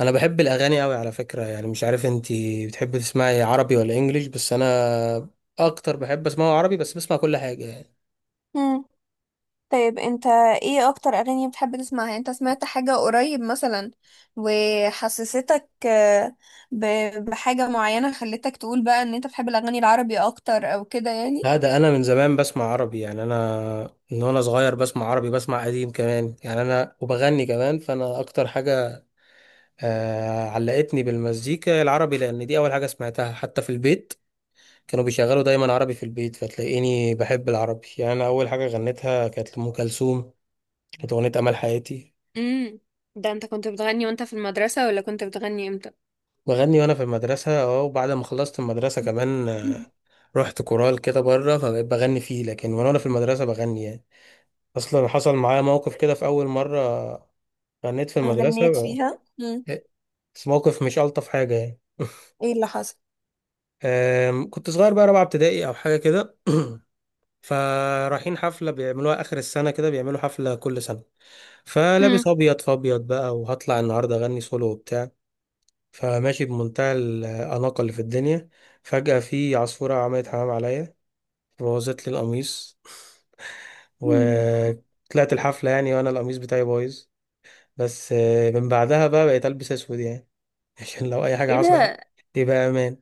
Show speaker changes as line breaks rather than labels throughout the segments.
انا بحب الاغاني قوي على فكره، يعني مش عارف انتي بتحبي تسمعي عربي ولا انجليش، بس انا اكتر بحب اسمعه عربي، بس بسمع كل حاجه يعني.
مم. طيب، انت ايه اكتر اغاني بتحب تسمعها؟ يعني انت سمعت حاجة قريب مثلا وحسستك بحاجة معينة خلتك تقول بقى ان انت بتحب الاغاني العربي اكتر او كده يعني.
لا، ده انا من زمان بسمع عربي، يعني انا من وانا صغير بسمع عربي، بسمع قديم كمان يعني، انا وبغني كمان. فانا اكتر حاجه علقتني بالمزيكا العربي لان دي اول حاجه سمعتها حتى في البيت. كانوا بيشغلوا دايما عربي في البيت، فتلاقيني بحب العربي يعني. انا اول حاجه غنيتها كانت لأم كلثوم، كانت اغنيه امل حياتي.
امم. ده انت كنت بتغني وانت في المدرسة ولا كنت بتغني امتى؟
بغني وانا في المدرسه اه، وبعد ما خلصت المدرسه كمان رحت كورال كده بره فبقيت بغني فيه، لكن وأنا في المدرسه بغني يعني. اصلا حصل معايا موقف كده في اول مره غنيت في المدرسه
غنيت فيها. مم.
بس موقف مش الطف حاجه يعني.
ايه اللي حصل؟
كنت صغير، بقى رابعه ابتدائي او حاجه كده. فرايحين حفله بيعملوها اخر السنه، كده بيعملوا حفله كل سنه.
مم.
فلابس ابيض في ابيض بقى، وهطلع النهارده اغني سولو وبتاع. فماشي بمنتهى الاناقه اللي في الدنيا، فجاه في عصفوره عملت حمام عليا، بوظت لي القميص.
مم.
وطلعت الحفلة يعني وأنا القميص بتاعي بايظ. بس من بعدها بقى بقيت ألبس أسود يعني. عشان لو أي حاجة
ايه
حصلت
ده؟
يبقى أمان.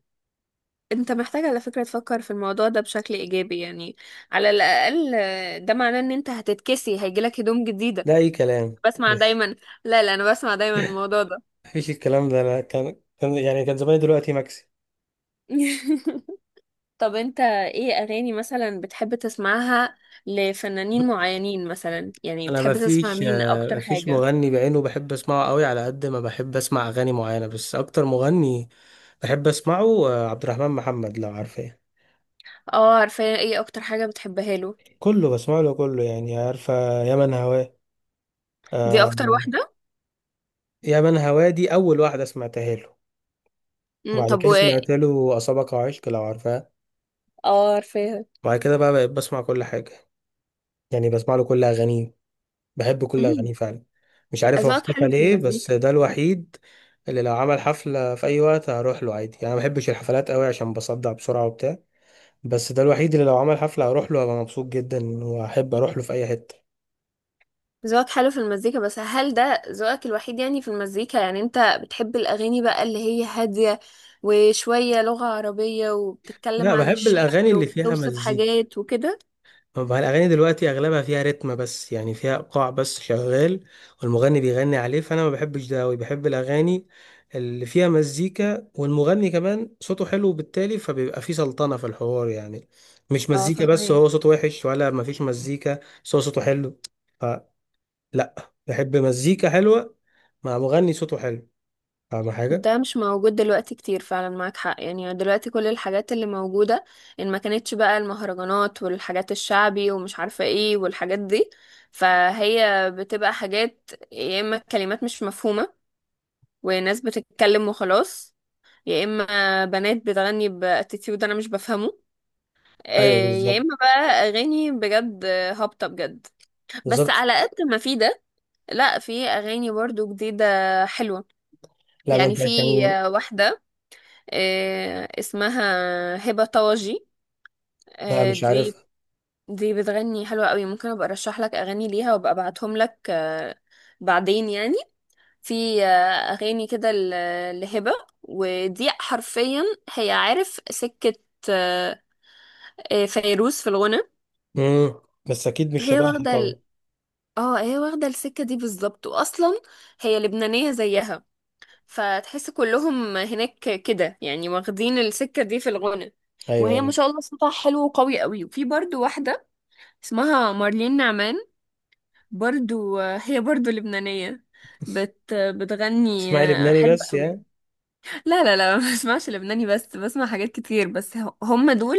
انت محتاج على فكرة تفكر في الموضوع ده بشكل ايجابي، يعني على الاقل ده معناه ان انت هتتكسي هيجيلك هدوم جديدة.
ده أي كلام.
بسمع دايما. لا لا، انا بسمع دايما الموضوع ده.
مفيش الكلام ده، لا كان يعني، كان زماني دلوقتي مكسي.
طب، انت ايه اغاني مثلا بتحب تسمعها؟ لفنانين معينين مثلا، يعني
انا
بتحب تسمع
مفيش
مين اكتر
مفيش
حاجة؟
مغني بعينه بحب اسمعه قوي على قد ما بحب اسمع اغاني معينه، بس اكتر مغني بحب اسمعه عبد الرحمن محمد، لو عارفاه.
اه، عارفة، ايه اكتر حاجة بتحبها له؟
كله بسمع له كله يعني، عارفه يا من هواه.
دي
آه،
اكتر واحدة؟
يا من هوادي أول واحدة سمعتها له.
مم،
وبعد
طب
كده سمعت له أصابك عشق لو عارفها.
اه عارفاها.
وبعد كده بقى بقيت بسمع كل حاجة، يعني بسمع له كل أغانيه، بحب كل
مم.
أغانيه فعلا. مش عارف هو
اذواقك
اختفى
حلو في
ليه،
المزيكا.
بس ده الوحيد اللي لو عمل حفلة في أي وقت هروح له عادي. يعني أنا ما بحبش الحفلات قوي عشان بصدع بسرعة وبتاع، بس ده الوحيد اللي لو عمل حفلة هروح له، هبقى مبسوط جدا، وأحب أروح له في أي حتة.
ذوقك حلو في المزيكا، بس هل ده ذوقك الوحيد يعني في المزيكا؟ يعني انت بتحب الأغاني بقى اللي هي هادية وشوية لغة عربية وبتتكلم
لا،
عن
بحب الأغاني
الشعر
اللي فيها
وبتوصف
مزيكا.
حاجات وكده.
طب الأغاني دلوقتي أغلبها فيها رتم بس، يعني فيها إيقاع بس شغال والمغني بيغني عليه، فأنا ما بحبش ده أوي. بحب الأغاني اللي فيها مزيكا والمغني كمان صوته حلو، بالتالي فبيبقى فيه سلطنة في الحوار يعني. مش
اه
مزيكا بس هو
فاهمك.
صوته وحش، ولا مفيش مزيكا بس هو صوته حلو. فلا، بحب مزيكا حلوة مع مغني صوته حلو. فاهم حاجة؟
ده مش موجود دلوقتي كتير، فعلا معاك حق يعني. دلوقتي كل الحاجات اللي موجودة، ان ما كانتش بقى المهرجانات والحاجات الشعبي ومش عارفة ايه والحاجات دي، فهي بتبقى حاجات يا اما كلمات مش مفهومة وناس بتتكلم وخلاص، يا اما بنات بتغني باتيتيود انا مش بفهمه،
أيوه
يا
بالظبط.
اما بقى اغاني بجد، هابطه بجد. بس
بالظبط.
على قد ما في ده، لا، في اغاني برضو جديده حلوه.
لا ما
يعني
أنت
في
عشان.
واحده، اسمها هبه طواجي.
لا
آه،
مش
دي
عارفها.
دي بتغني حلوه قوي. ممكن ابقى ارشح لك اغاني ليها وابقى ابعتهم لك، بعدين يعني. في اغاني كده لهبه ودي، حرفيا هي عارف سكه. آه، فيروز في الغنى.
مم. بس أكيد مش
هي
شبهها
واخدة
طبعا.
ال... اه هي واخدة السكة دي بالظبط، واصلا هي لبنانية زيها فتحس كلهم هناك كده يعني واخدين السكة دي في الغنى.
أيوه،
وهي ما
أيوه.
شاء الله صوتها حلو وقوي قوي. وفي برضو واحدة اسمها مارلين نعمان، برضو هي برضو لبنانية. بتغني
تسمعي لبناني
حلو
بس
قوي.
يعني؟
لا لا لا، ما بسمعش لبناني بس، بسمع حاجات كتير بس هم دول.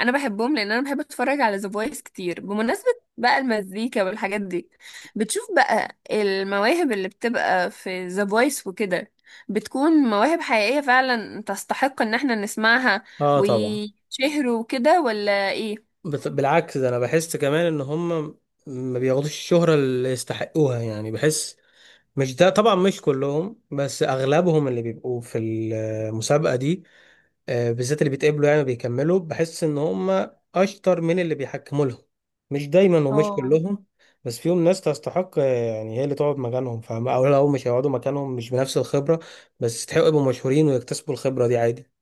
انا بحبهم لان انا بحب اتفرج على ذا فويس كتير، بمناسبة بقى المزيكا والحاجات دي، بتشوف بقى المواهب اللي بتبقى في ذا فويس وكده بتكون مواهب حقيقية فعلا تستحق ان احنا نسمعها،
اه طبعا.
ويشهروا وكده، ولا ايه؟
بالعكس، ده انا بحس كمان ان هم ما بياخدوش الشهرة اللي يستحقوها، يعني بحس، مش ده طبعا، مش كلهم، بس اغلبهم اللي بيبقوا في المسابقة دي بالذات اللي بيتقبلوا، يعني بيكملوا، بحس ان هم اشطر من اللي بيحكموا لهم. مش دايما ومش
اه،
كلهم، بس فيهم ناس تستحق يعني هي اللي تقعد مكانهم، فاهم، او لو مش هيقعدوا مكانهم مش بنفس الخبرة، بس يستحقوا يبقوا مشهورين ويكتسبوا الخبرة دي عادي.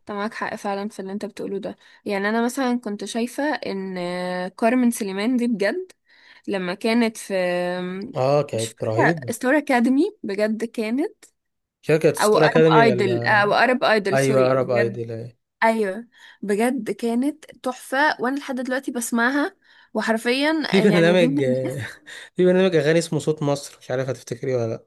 انت معاك حق فعلا في اللي انت بتقوله ده. يعني انا مثلا كنت شايفة ان كارمن سليمان دي بجد لما كانت في،
اه
مش
كانت
فاكرة
رهيبة.
ستار أكاديمي، بجد كانت
شركة
أو
ستار
أرب
أكاديمي،
أيدل،
ولا
أو أرب أيدل
أيوة
سوري
عرب
بجد.
أيدل، أيوة.
أيوة. بجد كانت تحفة وأنا لحد دلوقتي بسمعها، وحرفيا
في
يعني دي
برنامج.
من الناس.
في برنامج أغاني اسمه صوت مصر، مش عارف هتفتكريه ولا لأ.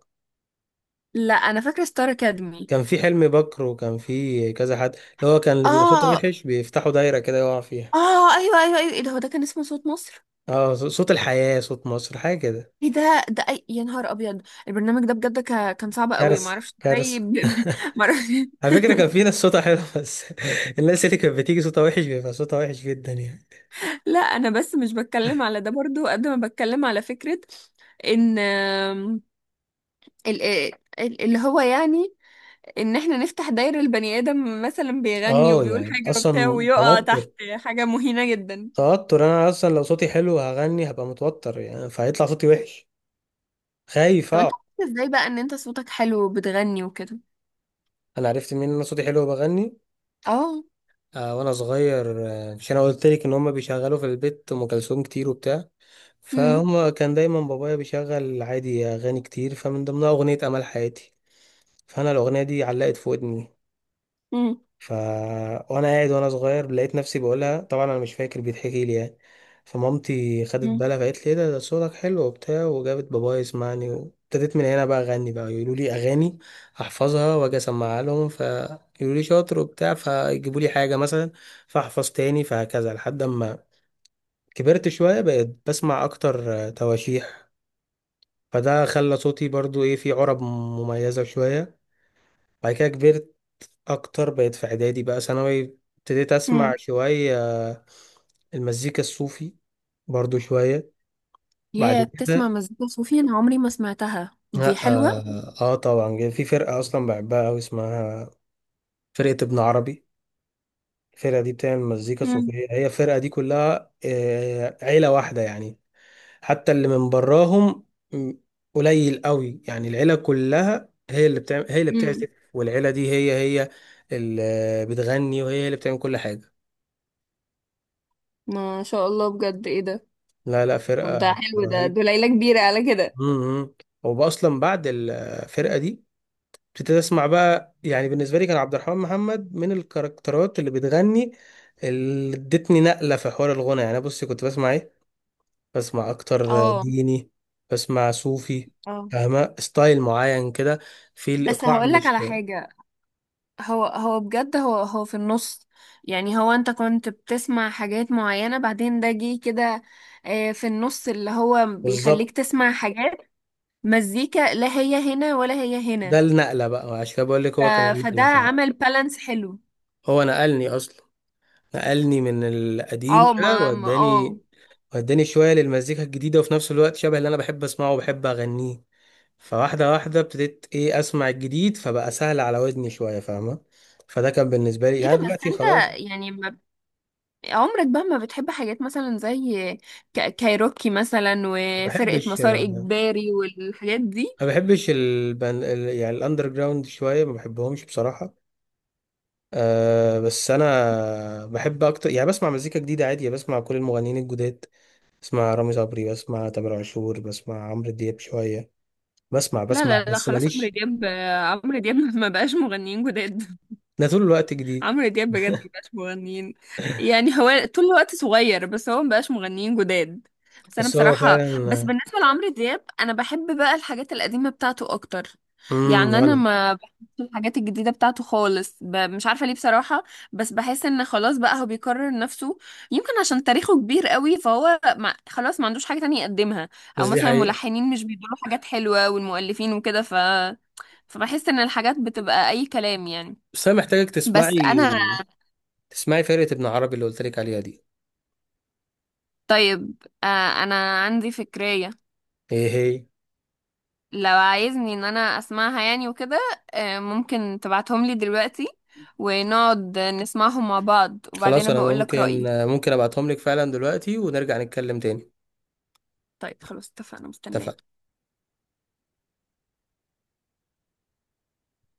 لا، أنا فاكرة ستار أكاديمي.
كان في حلمي بكر، وكان في كذا حد اللي هو كان اللي بيبقى صوته
اه.
وحش بيفتحوا دايرة كده يقع فيها.
اه. ايوه ايوه ايوه. إيه ده، هو ده كان اسمه صوت مصر؟
اه، صوت الحياة، صوت مصر، حاجة كده.
إيه ده، ده أي يا نهار أبيض. البرنامج ده بجد كان صعب قوي،
كارثة،
معرفش إزاي.
كارثة.
معرفش.
على فكرة كان في ناس صوتها حلو، بس الناس اللي كانت بتيجي صوتها وحش بيبقى صوتها وحش جدا يعني.
لا انا بس مش بتكلم على ده برضو، قد ما بتكلم على فكرة ان آم، ال- آه، ال- اللي هو، يعني ان احنا نفتح دايرة، البني ادم مثلا بيغني
اه،
وبيقول
يعني
حاجة وبتاع
اصلا
ويقع تحت.
توتر.
حاجة مهينة جدا.
توتر، انا اصلا لو صوتي حلو هغني هبقى متوتر يعني فهيطلع صوتي وحش، خايف.
طب انت عرفت ازاي بقى ان انت صوتك حلو وبتغني وكده؟
انا عرفت منين ان انا صوتي حلو وبغني؟
اه.
وانا صغير عشان انا قلت لك ان هم بيشغلوا في البيت ام كلثوم كتير وبتاع.
امم.
فهم كان دايما بابايا بيشغل عادي اغاني كتير، فمن ضمنها اغنيه امل حياتي. فانا الاغنيه دي علقت في ودني.
امم.
ف... وانا قاعد وانا صغير لقيت نفسي بقولها، طبعا انا مش فاكر، بيتحكي لي يعني. فمامتي خدت
امم.
بالها، فقالت لي ايه ده، ده صوتك حلو وبتاع، وجابت بابايا يسمعني، وابتديت من هنا بقى اغني. بقى يقولوا لي اغاني احفظها واجي اسمعها لهم، فيقولوا لي شاطر وبتاع، فيجيبوا لي حاجه مثلا، فاحفظ تاني، فهكذا لحد ما كبرت شويه بقيت بسمع اكتر تواشيح. فده خلى صوتي برضو ايه، فيه عرب مميزه شويه. بعد كده كبرت اكتر، بقيت في اعدادي بقى ثانوي، ابتديت اسمع
امم.
شويه المزيكا الصوفي برضو شويه.
يا
بعد
بتسمع
كده
مزيكا صوفي! انا عمري ما سمعتها، دي
لا
حلوة.
طبعا، جه في فرقه اصلا بحبها قوي اسمها فرقه ابن عربي. الفرقه دي بتعمل مزيكا
امم.
صوفيه. هي الفرقه دي كلها عيله واحده يعني، حتى اللي من براهم م- قليل قوي، يعني العيله كلها هي اللي بتعمل هي اللي
أمم.
بتعزف، والعيله دي هي هي اللي بتغني، وهي اللي بتعمل كل حاجه.
ما شاء الله، بجد ايه ده.
لا لا،
طب ده
فرقه
حلو، ده دول
رهيبة.
ليلة كبيرة على كده.
امم، واصلا بعد الفرقه دي ابتديت اسمع بقى، يعني بالنسبه لي كان عبد الرحمن محمد من الكاركترات اللي بتغني اللي ادتني نقله في حوار الغنى. يعني بصي، كنت بسمع ايه؟ بسمع اكتر
اه.
ديني، بسمع صوفي،
اه.
فاهمه ستايل معين كده في
بس
الايقاع،
هقولك
مش
على حاجة، هو هو بجد، هو هو في النص. يعني هو، انت كنت بتسمع حاجات معينة بعدين ده جه كده، في النص اللي هو بيخليك
بالظبط.
تسمع حاجات مزيكا لا هي هنا ولا هي هنا.
ده النقله بقى، عشان كده بقول لك
ف...
هو كان
فده
النقله فعلا.
عمل بالانس حلو.
هو نقلني اصلا، نقلني من القديم
اه،
ده،
ما ما اه.
واداني... وداني شوية للمزيكا الجديدة، وفي نفس الوقت شبه اللي أنا بحب أسمعه وبحب أغنيه. فواحدة واحدة ابتديت إيه أسمع الجديد، فبقى سهل على ودني شوية، فاهمة. فده كان بالنسبة لي
ايه
يعني.
ده، بس
دلوقتي
انت
خلاص.
يعني ما... عمرك بقى ما بتحب حاجات مثلا زي كايروكي مثلا
ما
وفرقة
بحبش،
مسار إجباري والحاجات دي.
ما بحبش يعني الأندر جراوند شوية، ما بحبهمش بصراحة. أه، بس أنا بحب أكتر، يعني بسمع مزيكا جديدة عادي، يعني بسمع كل المغنيين الجداد. بسمع رامي صبري، بسمع تامر عاشور، بسمع عمرو دياب شوية. بسمع
لا
بسمع
لا لا،
بس
خلاص، عمرو
ماليش.
دياب. عمرو دياب ما بقاش مغنيين جداد.
أنا طول الوقت جديد.
عمرو دياب بجد ما بقاش مغنيين، يعني هو طول الوقت صغير بس هو ما بقاش مغنيين جداد. بس انا
بس هو
بصراحة، بس
فعلا.
بالنسبة لعمرو دياب انا بحب بقى الحاجات القديمة بتاعته اكتر.
امم،
يعني انا
وانا.
ما بحبش الحاجات الجديدة بتاعته خالص، مش عارفة ليه بصراحة. بس بحس ان خلاص بقى هو بيكرر نفسه. يمكن عشان تاريخه كبير قوي فهو ما... خلاص ما عندوش حاجة تانية يقدمها، او
بس دي
مثلا
حقيقة.
ملحنين مش بيدوا له حاجات حلوة والمؤلفين وكده، فبحس ان الحاجات بتبقى اي كلام يعني.
بس انا محتاجك تسمعي
بس انا
تسمعي فرقة ابن عربي اللي قلت لك عليها دي.
طيب، انا عندي فكرية.
ايه هي؟
لو عايزني ان انا اسمعها يعني وكده، ممكن تبعتهم لي دلوقتي ونقعد نسمعهم مع بعض،
خلاص
وبعدين
انا
بقول لك
ممكن
رأيي.
ممكن ابعتهم لك فعلا دلوقتي، ونرجع نتكلم تاني.
طيب خلاص اتفقنا، مستنية.
اتفقنا.